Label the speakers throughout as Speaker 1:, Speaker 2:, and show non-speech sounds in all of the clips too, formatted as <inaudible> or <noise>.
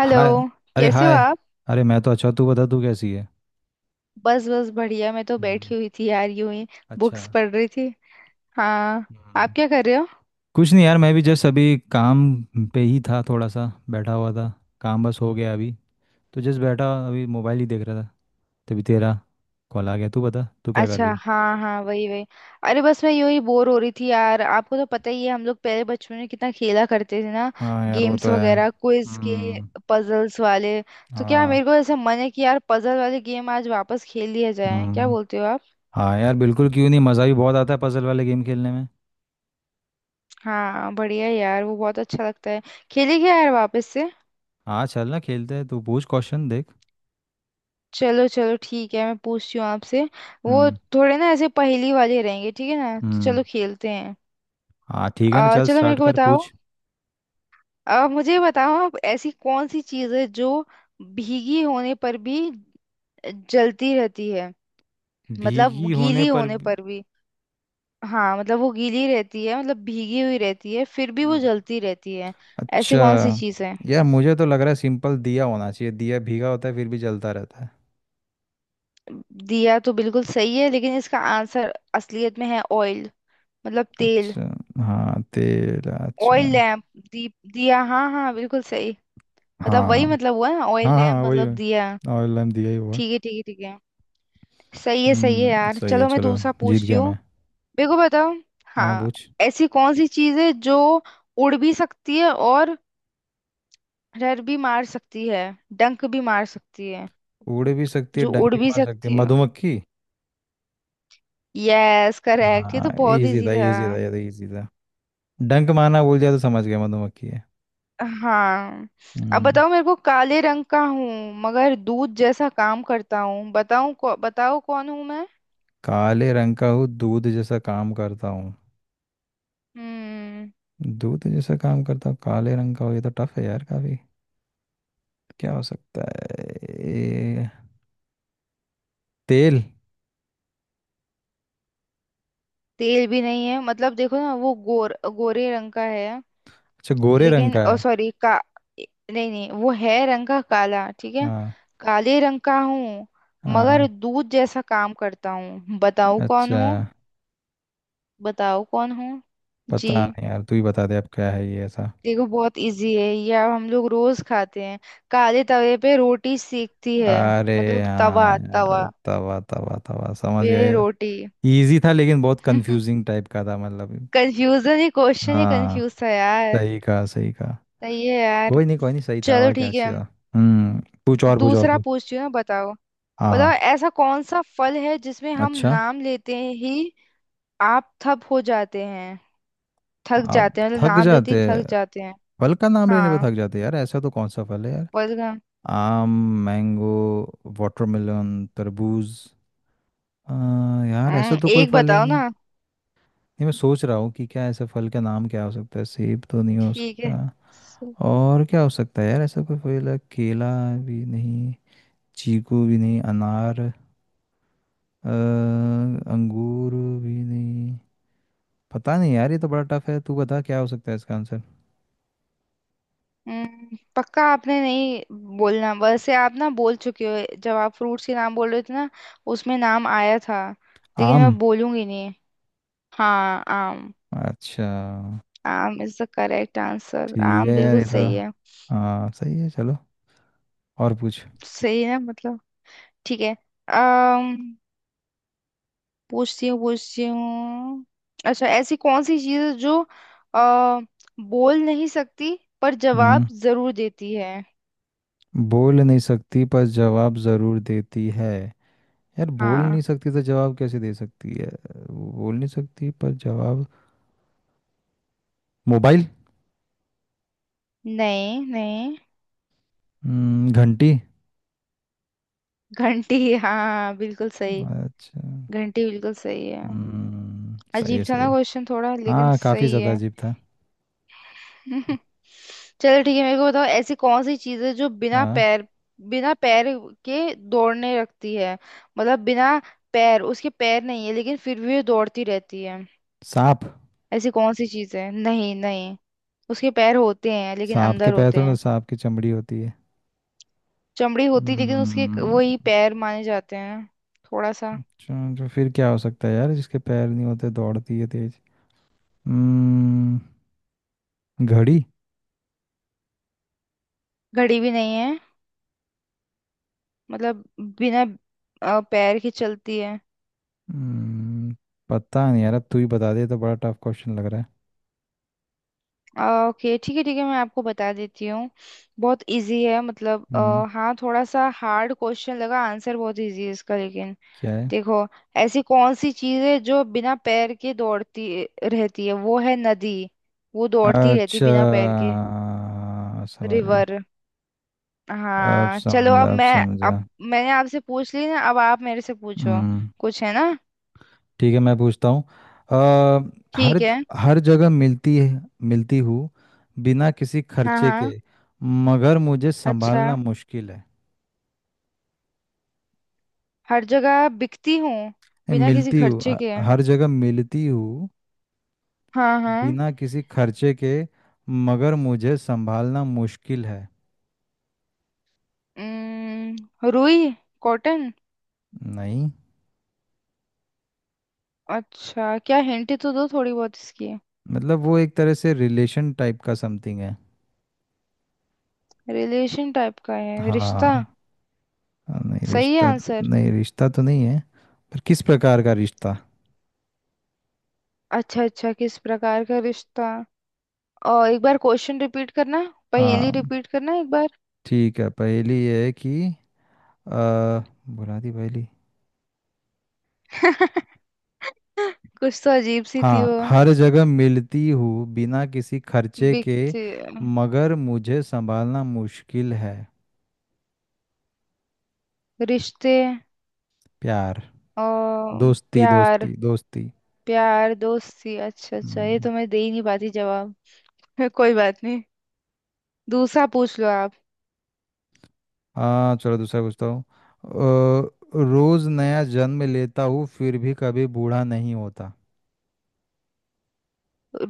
Speaker 1: Hello.
Speaker 2: Hi. अरे
Speaker 1: कैसे हो
Speaker 2: हाय।
Speaker 1: आप?
Speaker 2: अरे मैं तो अच्छा, तू बता, तू कैसी है?
Speaker 1: बस बस बढ़िया, मैं तो
Speaker 2: हम्म।
Speaker 1: बैठी हुई थी यार यूं ही।
Speaker 2: अच्छा।
Speaker 1: बुक्स पढ़ रही थी। हाँ। आप
Speaker 2: हम्म।
Speaker 1: क्या कर रहे हो?
Speaker 2: कुछ नहीं यार, मैं भी जस्ट अभी काम पे ही था, थोड़ा सा बैठा हुआ था। काम बस हो गया अभी, तो जस्ट बैठा अभी मोबाइल ही देख रहा था। तभी तेरा कॉल आ गया। तू बता, तू क्या कर
Speaker 1: अच्छा,
Speaker 2: रही है?
Speaker 1: हाँ हाँ, वही वही। अरे बस मैं यूं ही बोर हो रही थी यार, आपको तो पता ही है, हम लोग पहले बचपन में कितना खेला करते थे ना।
Speaker 2: हाँ यार, वो तो
Speaker 1: गेम्स
Speaker 2: है।
Speaker 1: वगैरह, क्विज के,
Speaker 2: हम्म।
Speaker 1: पजल्स वाले। तो क्या मेरे
Speaker 2: हाँ।
Speaker 1: को ऐसा मन है कि यार पजल वाले गेम आज वापस खेल लिया जाए, क्या
Speaker 2: हम्म।
Speaker 1: बोलते हो आप?
Speaker 2: हाँ यार बिल्कुल, क्यों नहीं, मज़ा भी बहुत आता है पजल वाले गेम खेलने में।
Speaker 1: हाँ बढ़िया यार, वो बहुत अच्छा लगता है। खेलेंगे यार वापस से।
Speaker 2: हाँ चल ना, खेलते हैं, तू पूछ क्वेश्चन, देख।
Speaker 1: चलो चलो, ठीक है, मैं पूछती हूँ आपसे। वो
Speaker 2: हम्म।
Speaker 1: थोड़े ना ऐसे पहेली वाले रहेंगे, ठीक है ना, तो
Speaker 2: हम्म।
Speaker 1: चलो खेलते हैं।
Speaker 2: हाँ ठीक है ना, चल
Speaker 1: चलो मेरे
Speaker 2: स्टार्ट
Speaker 1: को
Speaker 2: कर,
Speaker 1: बताओ।
Speaker 2: पूछ।
Speaker 1: मुझे बताओ आप, ऐसी कौन सी चीज़ है जो भीगी होने पर भी जलती रहती है? मतलब
Speaker 2: भीगी होने
Speaker 1: गीली
Speaker 2: पर
Speaker 1: होने
Speaker 2: भी-
Speaker 1: पर भी। हाँ मतलब वो गीली रहती है, मतलब भीगी हुई रहती है, फिर भी वो
Speaker 2: हम्म,
Speaker 1: जलती रहती है। ऐसी
Speaker 2: अच्छा।
Speaker 1: कौन सी चीज़ है?
Speaker 2: यार मुझे तो लग रहा है सिंपल दिया होना चाहिए, दिया भीगा होता है फिर भी जलता रहता है।
Speaker 1: दिया तो बिल्कुल सही है, लेकिन इसका आंसर असलियत में है ऑयल। मतलब तेल।
Speaker 2: अच्छा। हाँ, तेल, अच्छा।
Speaker 1: Oil lamp. दीप दिया, हाँ हाँ बिल्कुल सही। मतलब वही,
Speaker 2: हाँ
Speaker 1: मतलब हुआ ना, ऑयल
Speaker 2: हाँ, हाँ
Speaker 1: लैम्प
Speaker 2: वही
Speaker 1: मतलब दिया।
Speaker 2: वही, ऑयल लैम्प दिया ही हुआ।
Speaker 1: ठीक है ठीक है ठीक है। सही है सही है
Speaker 2: हम्म,
Speaker 1: यार,
Speaker 2: सही है,
Speaker 1: चलो मैं
Speaker 2: चलो।
Speaker 1: दूसरा
Speaker 2: जीत
Speaker 1: पूछती
Speaker 2: गया
Speaker 1: हूँ।
Speaker 2: मैं।
Speaker 1: मेरे को बताओ।
Speaker 2: हाँ,
Speaker 1: हाँ।
Speaker 2: पूछ।
Speaker 1: ऐसी कौन सी चीज है जो उड़ भी सकती है, और रर भी मार सकती है, डंक भी मार सकती है?
Speaker 2: उड़ भी सकती है,
Speaker 1: जो
Speaker 2: डंक
Speaker 1: उड़
Speaker 2: भी
Speaker 1: भी
Speaker 2: मार सकती
Speaker 1: सकती
Speaker 2: है,
Speaker 1: है।
Speaker 2: मधुमक्खी।
Speaker 1: यस करेक्ट, ये
Speaker 2: हाँ,
Speaker 1: तो बहुत
Speaker 2: इजी
Speaker 1: इजी
Speaker 2: था,
Speaker 1: था।
Speaker 2: इजी था, ये तो इजी था। डंक मारना भूल जाए तो समझ गया मधुमक्खी है।
Speaker 1: हाँ। अब
Speaker 2: हम्म।
Speaker 1: बताओ मेरे को, काले रंग का हूँ मगर दूध जैसा काम करता हूँ, बताओ कौन हूँ मैं?
Speaker 2: काले रंग का हूँ, दूध जैसा काम करता हूँ।
Speaker 1: हम्म।
Speaker 2: दूध जैसा काम करता हूँ काले रंग का हो, ये तो टफ है यार काफी। क्या हो सकता है ये? तेल?
Speaker 1: तेल भी नहीं है, मतलब देखो ना, वो गोर गोरे रंग का है।
Speaker 2: अच्छा, गोरे रंग
Speaker 1: लेकिन
Speaker 2: का
Speaker 1: ओ
Speaker 2: है।
Speaker 1: सॉरी का। ए- नहीं नहीं, वो है रंग का काला, ठीक है।
Speaker 2: हाँ।
Speaker 1: काले रंग का हूँ मगर
Speaker 2: हाँ।
Speaker 1: दूध जैसा काम करता हूँ, बताओ कौन
Speaker 2: अच्छा।
Speaker 1: हूँ? बताओ कौन हूँ? जी।
Speaker 2: पता नहीं यार, तू ही बता दे अब, क्या है ये ऐसा।
Speaker 1: देखो बहुत इजी है ये, अब हम लोग रोज खाते हैं, काले तवे पे रोटी सेकती है।
Speaker 2: अरे
Speaker 1: मतलब तवा
Speaker 2: हाँ
Speaker 1: तवा
Speaker 2: यार, तवा तवा तवा, समझ
Speaker 1: पे
Speaker 2: गए।
Speaker 1: रोटी।
Speaker 2: इजी था लेकिन बहुत
Speaker 1: <laughs>
Speaker 2: कंफ्यूजिंग टाइप का था, मतलब।
Speaker 1: कंफ्यूजन ही क्वेश्चन ही
Speaker 2: हाँ।
Speaker 1: कंफ्यूज था यार।
Speaker 2: सही कहा, सही कहा।
Speaker 1: सही है यार।
Speaker 2: कोई नहीं, कोई नहीं, सही था,
Speaker 1: चलो
Speaker 2: और क्या,
Speaker 1: ठीक
Speaker 2: अच्छी
Speaker 1: है,
Speaker 2: था। हम्म। पूछ और, पूछ और,
Speaker 1: दूसरा
Speaker 2: पूछ।
Speaker 1: पूछती हूँ ना, बताओ।
Speaker 2: हाँ
Speaker 1: बताओ
Speaker 2: हाँ।
Speaker 1: ऐसा कौन सा फल है जिसमें हम
Speaker 2: अच्छा।
Speaker 1: नाम लेते ही आप थप हो जाते हैं? थक
Speaker 2: आप
Speaker 1: जाते हैं, मतलब
Speaker 2: थक
Speaker 1: नाम लेते ही
Speaker 2: जाते हैं।
Speaker 1: थक जाते हैं।
Speaker 2: फल का नाम लेने पे
Speaker 1: हाँ।
Speaker 2: थक जाते हैं यार, ऐसा तो कौन सा फल है यार।
Speaker 1: फल का।
Speaker 2: आम। मैंगो। वाटरमेलन। तरबूज। आ, यार ऐसा तो कोई
Speaker 1: एक
Speaker 2: फल है ही
Speaker 1: बताओ
Speaker 2: नहीं, नहीं।
Speaker 1: ना।
Speaker 2: मैं सोच रहा हूँ कि क्या ऐसा फल का नाम क्या हो सकता है, सेब तो नहीं हो
Speaker 1: ठीक है।
Speaker 2: सकता।
Speaker 1: सु-
Speaker 2: और क्या हो सकता है यार, ऐसा कोई फल है? केला भी नहीं, चीकू भी नहीं, अनार, अंगूर भी नहीं। पता नहीं यार, ये तो बड़ा टफ है, तू बता क्या हो सकता है इसका आंसर।
Speaker 1: पक्का आपने नहीं बोलना, वैसे आप ना बोल चुके हो, जब आप फ्रूट्स के नाम बोल रहे थे ना, उसमें नाम आया था, लेकिन
Speaker 2: आम?
Speaker 1: मैं बोलूंगी नहीं। हाँ, आम।
Speaker 2: अच्छा।
Speaker 1: Aam is the correct answer,
Speaker 2: ठीक है
Speaker 1: आम
Speaker 2: यार,
Speaker 1: बिल्कुल
Speaker 2: ये तो,
Speaker 1: सही है।
Speaker 2: हाँ सही है, चलो। और पूछ।
Speaker 1: सही है मतलब। ठीक है। अम्म पूछती हूँ पूछती हूँ। अच्छा, ऐसी कौन सी चीज़ है जो अ, बोल नहीं सकती पर
Speaker 2: हम्म।
Speaker 1: जवाब जरूर देती है?
Speaker 2: बोल नहीं सकती पर जवाब जरूर देती है? यार बोल नहीं
Speaker 1: हाँ।
Speaker 2: सकती तो जवाब कैसे दे सकती है। बोल नहीं सकती पर जवाब, मोबाइल?
Speaker 1: नहीं नहीं।
Speaker 2: घंटी।
Speaker 1: घंटी, हाँ बिल्कुल सही।
Speaker 2: अच्छा।
Speaker 1: घंटी बिल्कुल सही है।
Speaker 2: सही
Speaker 1: अजीब
Speaker 2: है,
Speaker 1: था
Speaker 2: सही
Speaker 1: ना
Speaker 2: है।
Speaker 1: क्वेश्चन थोड़ा, लेकिन
Speaker 2: हाँ, काफी
Speaker 1: सही
Speaker 2: ज्यादा
Speaker 1: है।
Speaker 2: अजीब था।
Speaker 1: <laughs> चलो ठीक है, मेरे को बताओ, ऐसी कौन सी चीज है जो बिना
Speaker 2: हाँ।
Speaker 1: पैर, बिना पैर के दौड़ने रखती है? मतलब बिना पैर, उसके पैर नहीं है, लेकिन फिर भी वो दौड़ती रहती है।
Speaker 2: सांप।
Speaker 1: ऐसी कौन सी चीज है? नहीं नहीं, उसके पैर होते हैं लेकिन
Speaker 2: सांप के
Speaker 1: अंदर
Speaker 2: पैर
Speaker 1: होते
Speaker 2: थोड़ा,
Speaker 1: हैं।
Speaker 2: सांप की चमड़ी होती है।
Speaker 1: चमड़ी होती है, लेकिन उसके
Speaker 2: हम्म,
Speaker 1: वही पैर माने जाते हैं थोड़ा सा।
Speaker 2: अच्छा, तो फिर क्या हो सकता है यार, जिसके पैर नहीं होते, दौड़ती है तेज। हम्म, घड़ी।
Speaker 1: घड़ी भी नहीं है। मतलब बिना पैर के चलती है।
Speaker 2: हम्म, पता नहीं यार, अब तू ही बता दे, ये तो बड़ा टफ क्वेश्चन लग रहा है।
Speaker 1: ओके ठीक है ठीक है, मैं आपको बता देती हूँ। बहुत इजी है, मतलब
Speaker 2: हम्म,
Speaker 1: हाँ, थोड़ा सा हार्ड क्वेश्चन लगा, आंसर बहुत इजी है इसका लेकिन।
Speaker 2: क्या है?
Speaker 1: देखो, ऐसी कौन सी चीज़ है जो बिना पैर के दौड़ती रहती है, वो है नदी। वो दौड़ती रहती
Speaker 2: अच्छा।
Speaker 1: बिना पैर के।
Speaker 2: समझ गया।
Speaker 1: रिवर।
Speaker 2: अब
Speaker 1: हाँ चलो, अब
Speaker 2: समझा, अब
Speaker 1: मैं, अब
Speaker 2: समझा।
Speaker 1: मैंने आपसे पूछ ली ना, अब आप मेरे से पूछो।
Speaker 2: हम्म।
Speaker 1: कुछ है ना।
Speaker 2: ठीक है, मैं पूछता हूँ। हर,
Speaker 1: ठीक है।
Speaker 2: हर जगह मिलती है, मिलती हूँ बिना किसी
Speaker 1: हाँ
Speaker 2: खर्चे
Speaker 1: हाँ।
Speaker 2: के, मगर मुझे
Speaker 1: अच्छा,
Speaker 2: संभालना मुश्किल है।
Speaker 1: हर जगह बिकती हूँ
Speaker 2: नहीं,
Speaker 1: बिना किसी
Speaker 2: मिलती हूँ,
Speaker 1: खर्चे के।
Speaker 2: हर जगह मिलती हूँ
Speaker 1: हाँ हाँ।
Speaker 2: बिना किसी खर्चे के, मगर मुझे संभालना मुश्किल है।
Speaker 1: रुई। कॉटन।
Speaker 2: नहीं,
Speaker 1: अच्छा, क्या हिंट तो दो थोड़ी बहुत इसकी।
Speaker 2: मतलब वो एक तरह से रिलेशन टाइप का समथिंग है।
Speaker 1: रिलेशन टाइप का है, रिश्ता।
Speaker 2: हाँ। नहीं
Speaker 1: सही है
Speaker 2: रिश्ता।
Speaker 1: आंसर।
Speaker 2: नहीं, रिश्ता तो नहीं है, पर किस प्रकार का रिश्ता।
Speaker 1: अच्छा अच्छा, किस प्रकार का रिश्ता? और एक बार क्वेश्चन रिपीट करना, पहेली
Speaker 2: हाँ
Speaker 1: रिपीट करना एक बार।
Speaker 2: ठीक है, पहेली ये है कि आ, बुला दी पहेली।
Speaker 1: <laughs> कुछ तो अजीब सी थी
Speaker 2: हाँ,
Speaker 1: वो।
Speaker 2: हर जगह मिलती हूँ बिना किसी खर्चे के,
Speaker 1: बिकते
Speaker 2: मगर मुझे संभालना मुश्किल है।
Speaker 1: रिश्ते।
Speaker 2: प्यार।
Speaker 1: और
Speaker 2: दोस्ती,
Speaker 1: प्यार।
Speaker 2: दोस्ती, दोस्ती।
Speaker 1: प्यार, दोस्ती। अच्छा अच्छा, ये
Speaker 2: हम्म।
Speaker 1: तो मैं दे ही नहीं पाती जवाब। <laughs> कोई बात नहीं, दूसरा पूछ लो आप।
Speaker 2: हाँ चलो, दूसरा पूछता हूँ। रोज नया जन्म लेता हूँ फिर भी कभी बूढ़ा नहीं होता।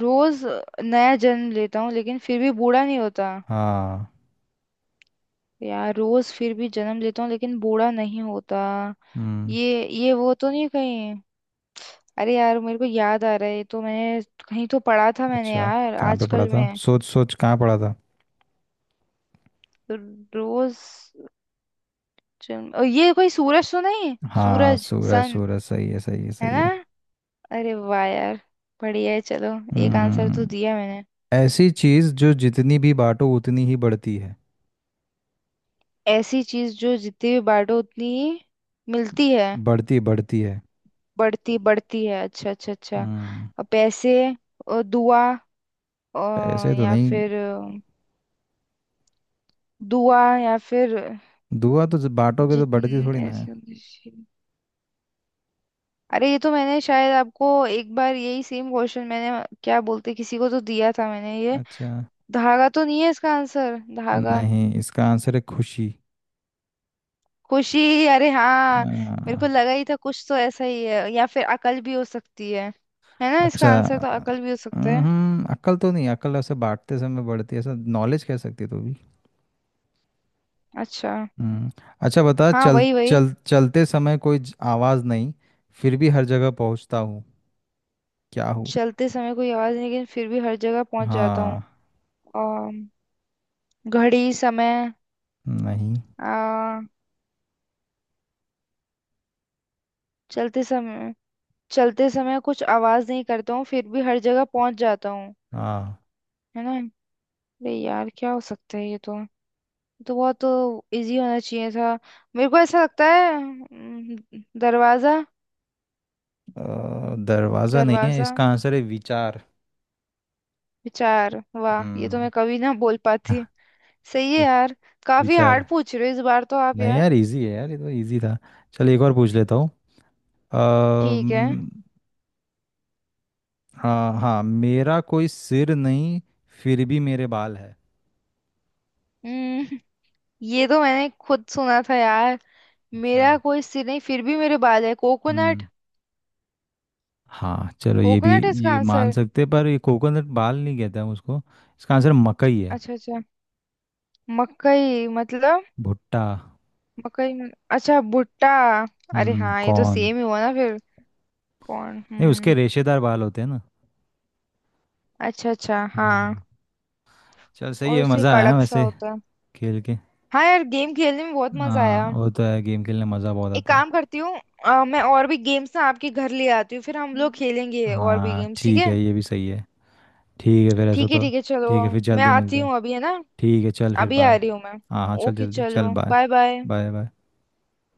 Speaker 1: रोज नया जन्म लेता हूँ लेकिन फिर भी बूढ़ा नहीं होता।
Speaker 2: हाँ।
Speaker 1: यार रोज फिर भी जन्म लेता हूँ लेकिन बूढ़ा नहीं होता।
Speaker 2: हम्म।
Speaker 1: ये वो तो नहीं कहीं? अरे यार मेरे को याद आ रहा है, ये तो मैंने कहीं तो पढ़ा था मैंने
Speaker 2: अच्छा,
Speaker 1: यार
Speaker 2: कहाँ पे पढ़ा
Speaker 1: आजकल
Speaker 2: था,
Speaker 1: में।
Speaker 2: सोच सोच कहाँ पढ़ा था।
Speaker 1: रोज जन्म, ओ, ये कोई सूरज तो नहीं?
Speaker 2: हाँ
Speaker 1: सूरज,
Speaker 2: सूरज,
Speaker 1: सन।
Speaker 2: सूरज सही है, सही है,
Speaker 1: है
Speaker 2: सही
Speaker 1: ना?
Speaker 2: है।
Speaker 1: अरे वाह यार, बढ़िया है, चलो। एक आंसर तो
Speaker 2: हम्म।
Speaker 1: दिया मैंने।
Speaker 2: ऐसी चीज जो जितनी भी बांटो उतनी ही बढ़ती है।
Speaker 1: ऐसी चीज जो जितनी भी बांटो उतनी मिलती है।
Speaker 2: बढ़ती, बढ़ती है।
Speaker 1: बढ़ती बढ़ती है। अच्छा अच्छा अच्छा।
Speaker 2: हम्म।
Speaker 1: पैसे। दुआ। अ,
Speaker 2: पैसे तो
Speaker 1: या
Speaker 2: नहीं।
Speaker 1: फिर दुआ, या फिर
Speaker 2: दुआ तो जब बांटोगे तो बढ़ती
Speaker 1: जितने
Speaker 2: थोड़ी ना है।
Speaker 1: ऐसे मुझे- अरे ये तो मैंने शायद आपको एक बार यही सेम क्वेश्चन मैंने क्या बोलते किसी को तो दिया था मैंने ये।
Speaker 2: अच्छा।
Speaker 1: धागा तो नहीं है इसका आंसर, धागा?
Speaker 2: नहीं, इसका आंसर है खुशी।
Speaker 1: खुशी, अरे हाँ। मेरे को
Speaker 2: आ,
Speaker 1: लगा ही था कुछ तो ऐसा ही है, या फिर अकल भी हो सकती है। है ना, इसका
Speaker 2: अच्छा।
Speaker 1: आंसर तो अकल भी हो सकता है।
Speaker 2: हम्म, अक्ल तो नहीं, अक्ल ऐसे बांटते समय बढ़ती है, ऐसा नॉलेज कह सकती है तू भी।
Speaker 1: अच्छा।
Speaker 2: हम्म। अच्छा बता,
Speaker 1: हाँ
Speaker 2: चल
Speaker 1: वही वही।
Speaker 2: चल, चलते समय कोई आवाज़ नहीं, फिर भी हर जगह पहुंचता हूँ, क्या हूँ?
Speaker 1: चलते समय कोई आवाज नहीं, लेकिन फिर भी हर जगह पहुंच जाता हूँ।
Speaker 2: हाँ।
Speaker 1: अम, घड़ी, समय।
Speaker 2: नहीं।
Speaker 1: आ, चलते समय। चलते समय कुछ आवाज नहीं करता हूँ, फिर भी हर जगह पहुंच जाता हूँ।
Speaker 2: हाँ,
Speaker 1: है ना? अरे यार क्या हो सकता है, ये तो बहुत तो इजी होना चाहिए था। मेरे को ऐसा लगता है, दरवाजा।
Speaker 2: दरवाज़ा नहीं है,
Speaker 1: दरवाजा,
Speaker 2: इसका आंसर है विचार।
Speaker 1: विचार, वाह, ये तो
Speaker 2: हम्म।
Speaker 1: मैं कभी ना <laughs> बोल पाती। सही है यार।
Speaker 2: <laughs>
Speaker 1: काफी हार्ड
Speaker 2: विचार।
Speaker 1: पूछ रहे हो इस बार तो आप
Speaker 2: नहीं
Speaker 1: यार।
Speaker 2: यार, इजी है यार, ये तो इजी था। चल एक और पूछ लेता हूँ।
Speaker 1: ठीक है।
Speaker 2: अम्म, हाँ हाँ, मेरा कोई सिर नहीं फिर भी मेरे बाल है।
Speaker 1: हम्म। ये तो मैंने खुद सुना था यार।
Speaker 2: अच्छा।
Speaker 1: मेरा कोई सिर नहीं फिर भी मेरे बाल है, कोकोनट।
Speaker 2: हम्म। हाँ चलो, ये भी।
Speaker 1: कोकोनट इसका
Speaker 2: ये मान
Speaker 1: आंसर।
Speaker 2: सकते हैं, पर ये कोकोनट बाल नहीं कहते हम उसको। इसका आंसर मकई है।
Speaker 1: अच्छा अच्छा। मकई मतलब।
Speaker 2: भुट्टा।
Speaker 1: मकई मत- अच्छा भुट्टा। अरे
Speaker 2: हम्म,
Speaker 1: हाँ, ये तो
Speaker 2: कॉर्न।
Speaker 1: सेम ही हुआ ना फिर। कौन,
Speaker 2: नहीं, उसके
Speaker 1: हम्म।
Speaker 2: रेशेदार बाल होते हैं ना।
Speaker 1: अच्छा अच्छा, हाँ।
Speaker 2: हाँ। चल सही
Speaker 1: और
Speaker 2: है,
Speaker 1: उसके
Speaker 2: मज़ा आया
Speaker 1: कड़क सा
Speaker 2: वैसे,
Speaker 1: होता है।
Speaker 2: खेल के।
Speaker 1: हाँ यार, गेम खेलने में बहुत मजा
Speaker 2: हाँ
Speaker 1: आया।
Speaker 2: वो तो है, गेम खेलने मज़ा बहुत
Speaker 1: एक
Speaker 2: आता है।
Speaker 1: काम करती हूँ, मैं और भी गेम्स ना आपके घर ले आती हूँ, फिर हम लोग खेलेंगे और भी
Speaker 2: हाँ
Speaker 1: गेम्स, ठीक
Speaker 2: ठीक
Speaker 1: है।
Speaker 2: है, ये भी सही है। ठीक है फिर, ऐसा
Speaker 1: ठीक है
Speaker 2: तो।
Speaker 1: ठीक है, चलो,
Speaker 2: ठीक है, फिर
Speaker 1: मैं
Speaker 2: जल्दी
Speaker 1: आती
Speaker 2: मिलते हैं।
Speaker 1: हूँ अभी, है ना।
Speaker 2: ठीक है चल, फिर
Speaker 1: अभी आ
Speaker 2: बाय।
Speaker 1: रही हूँ मैं।
Speaker 2: हाँ हाँ, चल
Speaker 1: ओके
Speaker 2: जल्दी, चल
Speaker 1: चलो,
Speaker 2: bye.
Speaker 1: Bye bye.
Speaker 2: Bye bye.